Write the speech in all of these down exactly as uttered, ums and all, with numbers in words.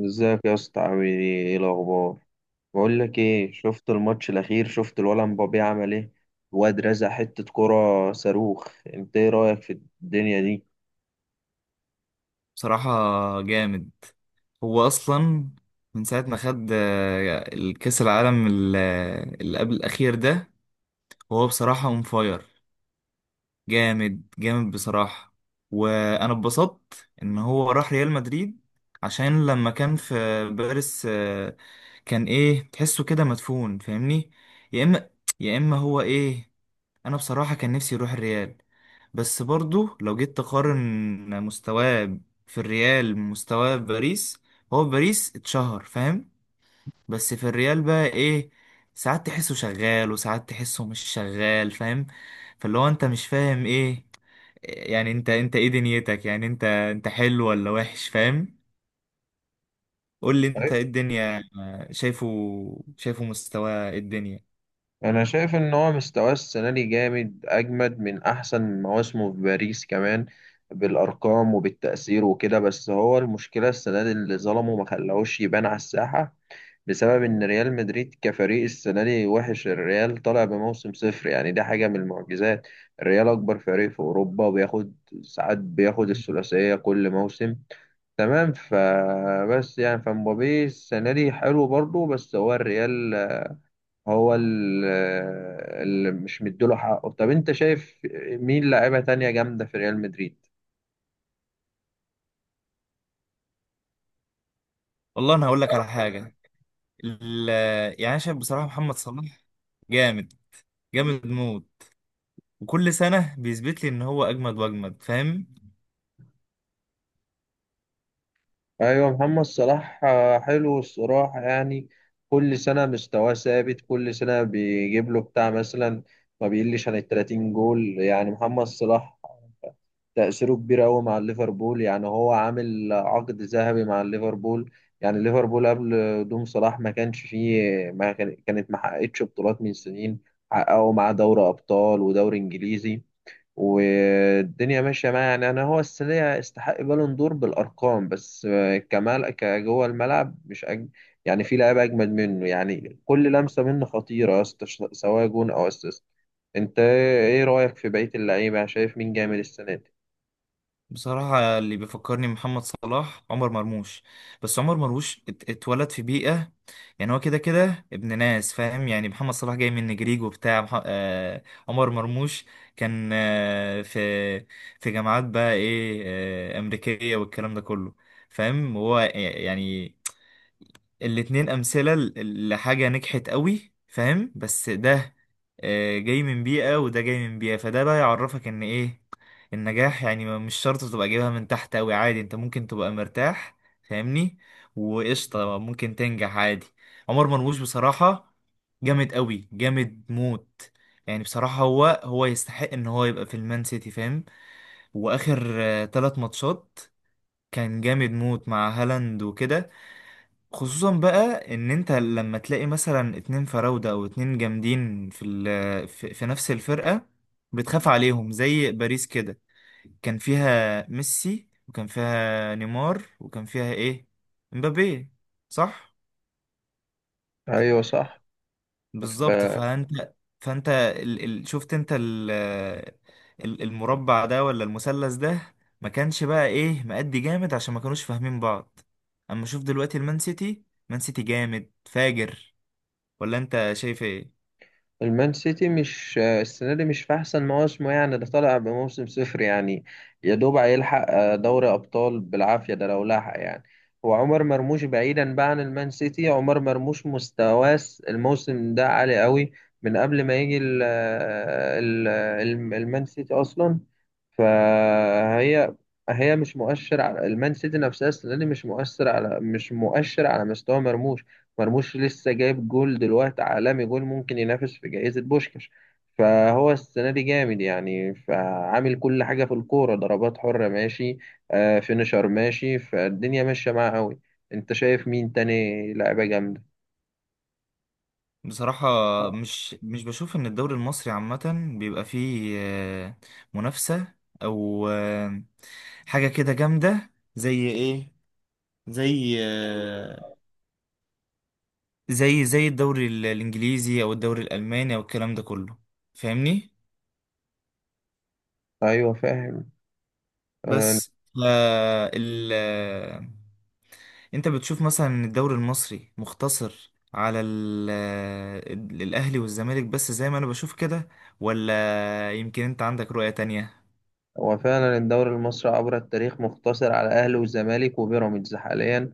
ازيك يا اسطى؟ عامل ايه؟ ايه الاخبار؟ بقول لك ايه، شفت الماتش الاخير؟ شفت الولد مبابي عمل ايه؟ الواد رزع حته كرة صاروخ. انت ايه رايك في الدنيا دي؟ بصراحة، جامد. هو أصلا من ساعة ما خد آه، الكأس العالم ال- آه، اللي قبل الأخير ده. هو بصراحة اون فاير، جامد جامد بصراحة. وأنا اتبسطت إن هو راح ريال مدريد. عشان لما كان في باريس آه، كان إيه، تحسه كده مدفون، فاهمني؟ يا إما يا إما هو إيه. انا بصراحة كان نفسي يروح الريال. بس برضو لو جيت تقارن مستواه في الريال، مستواه في باريس. هو في باريس اتشهر، فاهم؟ بس في الريال بقى ايه، ساعات تحسه شغال وساعات تحسه مش شغال، فاهم؟ فاللي هو انت مش فاهم ايه. يعني انت انت ايه دنيتك؟ يعني انت انت حلو ولا وحش، فاهم؟ قول لي انت أيوة. ايه الدنيا. شايفه شايفه مستواه إيه الدنيا؟ انا شايف ان هو مستواه السنه دي جامد، اجمد من احسن مواسمه في باريس كمان، بالارقام وبالتاثير وكده. بس هو المشكله السنه دي اللي ظلمه ما خلاهوش يبان على الساحه، بسبب ان ريال مدريد كفريق السنه دي وحش. الريال طالع بموسم صفر، يعني ده حاجه من المعجزات. الريال اكبر فريق في اوروبا، وبياخد ساعات بياخد الثلاثيه كل موسم، تمام؟ فبس يعني فمبابي السنه دي حلو برضه، بس هو الريال هو ال- اللي مش مديله حقه. طب انت شايف مين لاعيبه تانية جامده في ريال مدريد؟ والله انا هقول لك على حاجة. ال- يعني انا شايف بصراحه محمد صلاح جامد، جامد موت. وكل سنه بيثبت لي ان هو اجمد واجمد، فاهم؟ ايوه، محمد صلاح آه، حلو الصراحه يعني. كل سنه مستواه ثابت، كل سنه بيجيب له بتاع مثلا، ما بيقلش عن ال تلاتين جول يعني. محمد صلاح تأثيره كبير قوي مع الليفربول، يعني هو عامل عقد ذهبي مع الليفربول. يعني ليفربول قبل قدوم صلاح ما كانش فيه ما كان- كانت ما حققتش بطولات من سنين، حققوا معاه دوري ابطال ودوري انجليزي والدنيا ماشيه معاه. يعني انا هو السنه دي يستحق بالون دور بالارقام، بس آه، كمال كجوه الملعب مش أج... يعني في لعيبه اجمد منه. يعني كل لمسه منه خطيره يا اسطى، ش- سواء جون او اسيست. انت ايه رايك في بقيه اللعيبه؟ يعني شايف مين جامد السنه دي؟ بصراحه، اللي بيفكرني محمد صلاح عمر مرموش. بس عمر مرموش ات- اتولد في بيئه. يعني هو كده كده ابن ناس، فاهم؟ يعني محمد صلاح جاي من نجريج وبتاع مح... آه... عمر مرموش كان آه... في في جامعات بقى ايه، آه... امريكيه والكلام ده كله. فاهم. هو يعني الاتنين أمثلة ل- لحاجة نجحت قوي، فاهم؟ بس ده آه، جاي من بيئة وده جاي من بيئة. فده بقى يعرفك إن إيه النجاح. يعني ما- مش شرط تبقى جايبها من تحت قوي، عادي. أنت ممكن تبقى مرتاح، فاهمني؟ وقشطة ممكن تنجح عادي. عمر مرموش بصراحة جامد قوي، جامد موت. يعني بصراحة هو هو يستحق إن هو يبقى في المان سيتي، فاهم؟ وآخر آه، تلات ماتشات كان جامد موت مع هالاند وكده. خصوصا بقى ان انت لما تلاقي مثلا اتنين فراودة او اتنين جامدين في ال في, في نفس الفرقة، بتخاف عليهم زي باريس كده. كان فيها ميسي وكان فيها نيمار وكان فيها ايه، مبابي، صح. ايوه صح. بالظبط. فانت فانت ال ال شفت انت ال ال- المربع ده ولا المثلث ده؟ ما كانش بقى ايه مأدي جامد، عشان ما كانوش فاهمين بعض. اما شوف دلوقتي المان سيتي مان سيتي جامد فاجر، ولا انت شايف ايه؟ المان سيتي مش آه، السنة دي مش في أحسن مواسمه، يعني ده طالع بموسم صفر يعني. يا دوب هيلحق آه، دوري أبطال بالعافية، ده لو لحق يعني. هو عمر مرموش، بعيدا بقى عن المان سيتي، عمر مرموش مستواه الموسم ده عالي قوي، من قبل ما يجي ال ال ال- المان سيتي أصلا. فهي هي مش مؤشر على المان سيتي، نفسها السنة دي مش مؤثر على مش مؤشر على مستوى مرموش. مرموش لسه جايب جول دلوقتي عالمي، جول ممكن ينافس في جائزة بوشكاش. فهو السنة دي جامد يعني، فعامل كل حاجة في الكورة، ضربات حرة ماشي، آه فينشر ماشي، فالدنيا ماشية معاه قوي. انت شايف مين تاني لعيبة جامدة؟ بصراحة مش مش بشوف ان الدوري المصري عامة بيبقى فيه آه، منافسة او آه، حاجة كده جامدة، زي ايه، زي آه، زي زي الدوري ال- الانجليزي او الدوري الالماني او الكلام ده كله، فاهمني؟ ايوه فاهم. آه، بس آه ال آه، انت بتشوف مثلا ان الدوري المصري مختصر على ال آه، الاهلي والزمالك بس، زي ما انا بشوف كده، ولا يمكن انت عندك رؤية تانية؟ هو فعلا الدوري المصري عبر التاريخ مقتصر على الاهلي والزمالك وبيراميدز حاليا.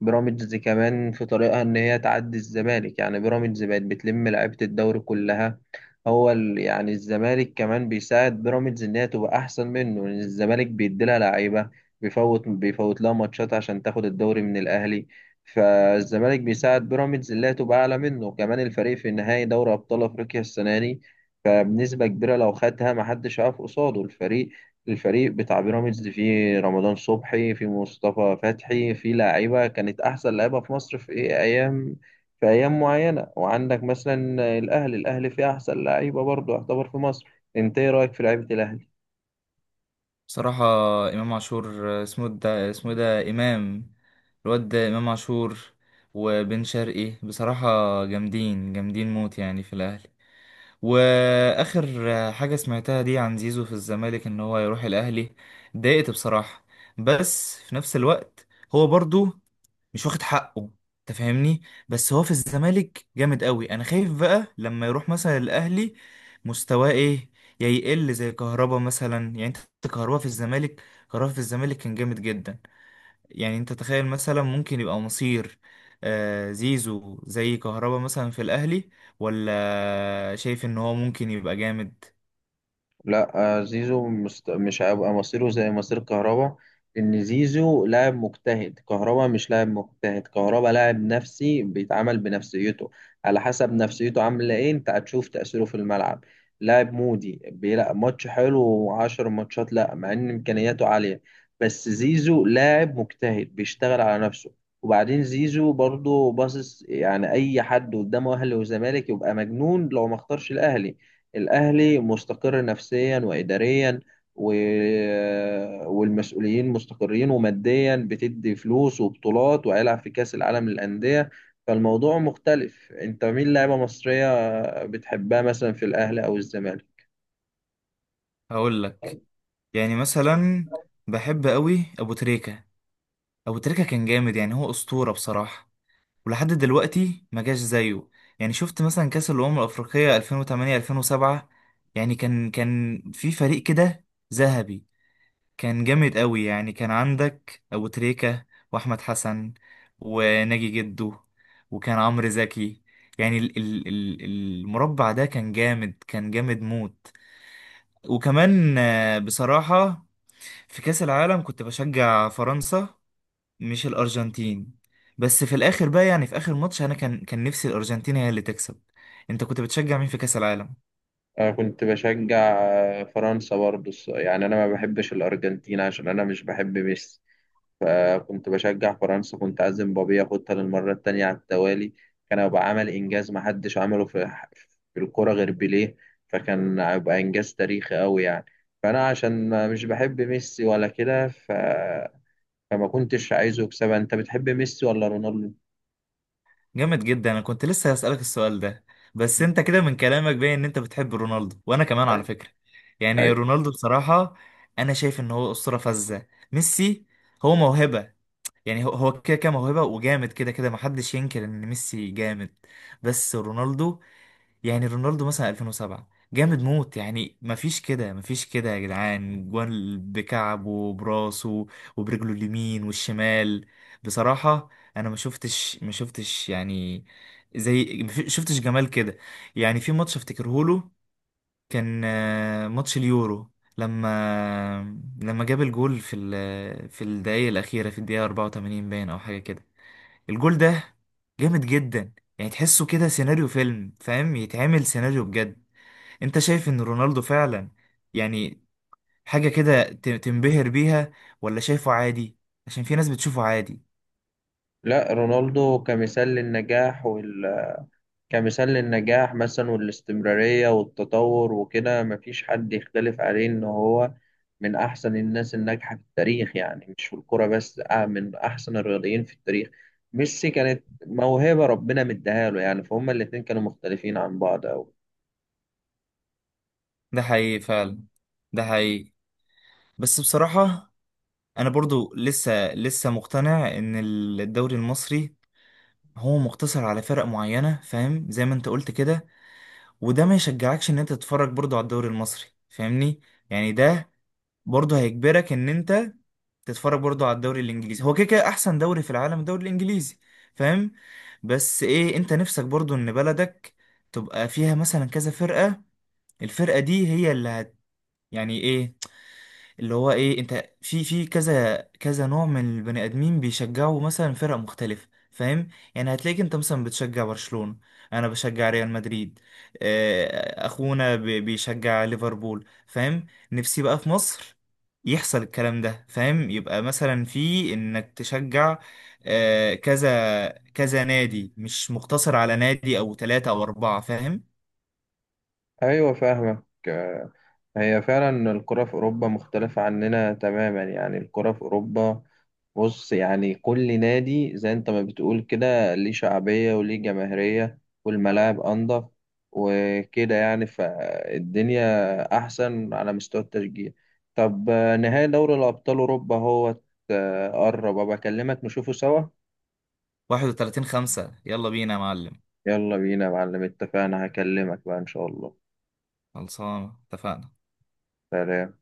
بيراميدز كمان في طريقها ان هي تعدي الزمالك، يعني بيراميدز بقت بتلم لعيبة الدوري كلها. هو ال- يعني الزمالك كمان بيساعد بيراميدز ان هي تبقى احسن منه، لان الزمالك بيديلها لعيبة، بيفوت بيفوت لها ماتشات عشان تاخد الدوري من الاهلي. فالزمالك بيساعد بيراميدز ان هي تبقى اعلى منه. كمان الفريق في نهائي دوري ابطال افريقيا السنة دي، فبنسبة كبيرة لو خدها محدش هيقف قصاده الفريق. الفريق بتاع بيراميدز فيه رمضان صبحي، فيه مصطفى فتحي، فيه لاعيبة كانت أحسن لاعيبة في مصر في إيه أيام، في أيام معينة. وعندك مثلا الأهلي، الأهلي فيه أحسن لاعيبة برضه يعتبر في مصر. أنت إيه رأيك في لعيبة الأهلي؟ بصراحة، امام عاشور، آه، اسمه ده اسمه ده امام، الواد ده امام عاشور، وبن شرقي بصراحة جامدين، جامدين موت، يعني في الاهلي. واخر حاجه سمعتها دي عن زيزو في الزمالك ان هو يروح الاهلي، اتضايقت بصراحه. بس في نفس الوقت هو برضو مش واخد حقه، انت فاهمني؟ بس هو في الزمالك جامد قوي. انا خايف بقى لما يروح مثلا الاهلي، مستواه ايه، يا يقل زي كهربا مثلا. يعني انت، كهربا في الزمالك كهربا في الزمالك كان جامد جدا. يعني انت تخيل مثلا، ممكن يبقى مصير آه، زيزو زي كهربا مثلا في الاهلي؟ ولا شايف ان هو ممكن يبقى جامد؟ لا، آه، زيزو مست... مش هيبقى مصيره زي مصير كهربا. ان زيزو لاعب مجتهد، كهربا مش لاعب مجتهد، كهربا لاعب نفسي بيتعامل بنفسيته. على حسب نفسيته عامله ايه انت هتشوف تأثيره في الملعب. لاعب مودي بيلعب ماتش حلو وعشر ماتشات لا، مع ان امكانياته عاليه. بس زيزو لاعب مجتهد بيشتغل على نفسه. وبعدين زيزو برضه باصص، يعني اي حد قدامه اهلي وزمالك يبقى مجنون لو ما اختارش الاهلي. الأهلي مستقر نفسيا وإداريا و... والمسؤولين مستقرين، وماديا بتدي فلوس وبطولات، وهيلعب في كأس العالم للأندية. فالموضوع مختلف. أنت مين لاعيبة مصرية بتحبها مثلا في الأهلي أو الزمالك؟ هقول لك. يعني مثلا، بحب قوي ابو تريكة. ابو تريكة كان جامد، يعني هو اسطورة بصراحة. ولحد دلوقتي ما جاش زيه. يعني شفت مثلا كاس الامم الافريقية ألفين وتمنية، ألفين وسبعة. يعني كان كان في فريق كده ذهبي، كان جامد قوي. يعني كان عندك ابو تريكة، واحمد حسن، وناجي جدو، وكان عمرو زكي. يعني ال- ال- ال- المربع ده كان جامد، كان جامد موت. وكمان آه، بصراحة في كأس العالم كنت بشجع فرنسا، مش الأرجنتين. بس في الآخر بقى، يعني في آخر ماتش أنا كان كان نفسي الأرجنتين هي اللي تكسب. أنت كنت بتشجع مين في كأس العالم؟ أنا كنت بشجع فرنسا برضه، الص- يعني أنا ما بحبش الأرجنتين عشان أنا مش بحب ميسي. فكنت بشجع فرنسا، كنت عازم بابي ياخدها للمرة التانية على التوالي. كان هيبقى عمل إنجاز محدش عمله في في الكرة غير بيليه، فكان هيبقى إنجاز تاريخي أوي يعني. فأنا عشان ما- مش بحب ميسي ولا كده ف... فما كنتش عايزه يكسبها. أنت بتحب ميسي ولا رونالدو؟ جامد جدا، انا كنت لسه هسألك السؤال ده. بس انت كده من كلامك باين ان انت بتحب رونالدو، وانا كمان على أيوة. فكرة. يعني أيوة. رونالدو بصراحة، انا شايف ان هو اسطورة فذة. ميسي هو موهبة، يعني هو هو كده كده موهبة وجامد كده كده، محدش ينكر ان ميسي جامد. بس رونالدو، يعني رونالدو مثلا ألفين وسبعة جامد موت. يعني مفيش كده مفيش كده يا جدعان، جوان بكعبه وبراسه وبرجله اليمين والشمال. بصراحة انا ما شفتش ما شفتش يعني، زي ما في- شفتش جمال كده. يعني في ماتش افتكره له، كان آه، ماتش اليورو، لما لما جاب الجول في ال... في الدقايق الأخيرة، في الدقيقة أربعة وتمانين باين أو حاجة كده. الجول ده جامد جدا، يعني تحسه كده سيناريو فيلم، فاهم؟ يتعمل سيناريو بجد. انت شايف ان رونالدو فعلا، يعني، حاجة كده ت- تنبهر بيها؟ ولا شايفه عادي؟ عشان في ناس بتشوفه عادي. لا رونالدو كمثال للنجاح وال... كمثال للنجاح مثلا، والاستمرارية والتطور وكده، مفيش حد يختلف عليه إن هو من أحسن الناس الناجحة في التاريخ. يعني مش في الكرة بس، آه من أحسن الرياضيين في التاريخ. ميسي كانت موهبة ربنا مديها له، يعني فهم الاتنين كانوا مختلفين عن بعض أوي. ده حقيقي فعلا، ده حقيقي. بس بصراحة انا برضو لسه لسه مقتنع ان الدوري المصري هو مقتصر على فرق معينة، فاهم، زي ما انت قلت كده. وده ما يشجعكش ان انت تتفرج برضو على الدوري المصري، فاهمني؟ يعني ده برضو هيجبرك ان انت تتفرج برضو على الدوري الانجليزي. هو كده كده احسن دوري في العالم الدوري الانجليزي، فاهم؟ بس ايه، انت نفسك برضو ان بلدك تبقى فيها مثلا كذا فرقة، الفرقة دي هي اللي هت، يعني ايه، اللي هو ايه، انت في في كذا كذا نوع من البني ادمين بيشجعوا مثلا فرق مختلفه، فاهم؟ يعني هتلاقيك انت مثلا بتشجع برشلونه، انا بشجع ريال مدريد، آه، اخونا بي- بيشجع ليفربول، فاهم؟ نفسي بقى في مصر يحصل الكلام ده، فاهم؟ يبقى مثلا في انك تشجع آه، كذا كذا نادي، مش مقتصر على نادي او ثلاثة او اربعة، فاهم؟ أيوة فاهمك. آه، هي فعلا الكرة في أوروبا مختلفة عننا تماما. يعني الكرة في أوروبا، بص يعني كل نادي زي انت ما بتقول كده ليه شعبية وليه جماهيرية، والملاعب أنضف وكده يعني، فالدنيا أحسن على مستوى التشجيع. طب آه، نهائي دوري الأبطال أوروبا هو آه، قرب، أبقى أكلمك نشوفه سوا. واحد وثلاثين خمسة، يلا بينا يا معلم. يلا بينا يا معلم، اتفقنا، هكلمك بقى إن شاء الله. خلصانة، اتفقنا. سلام.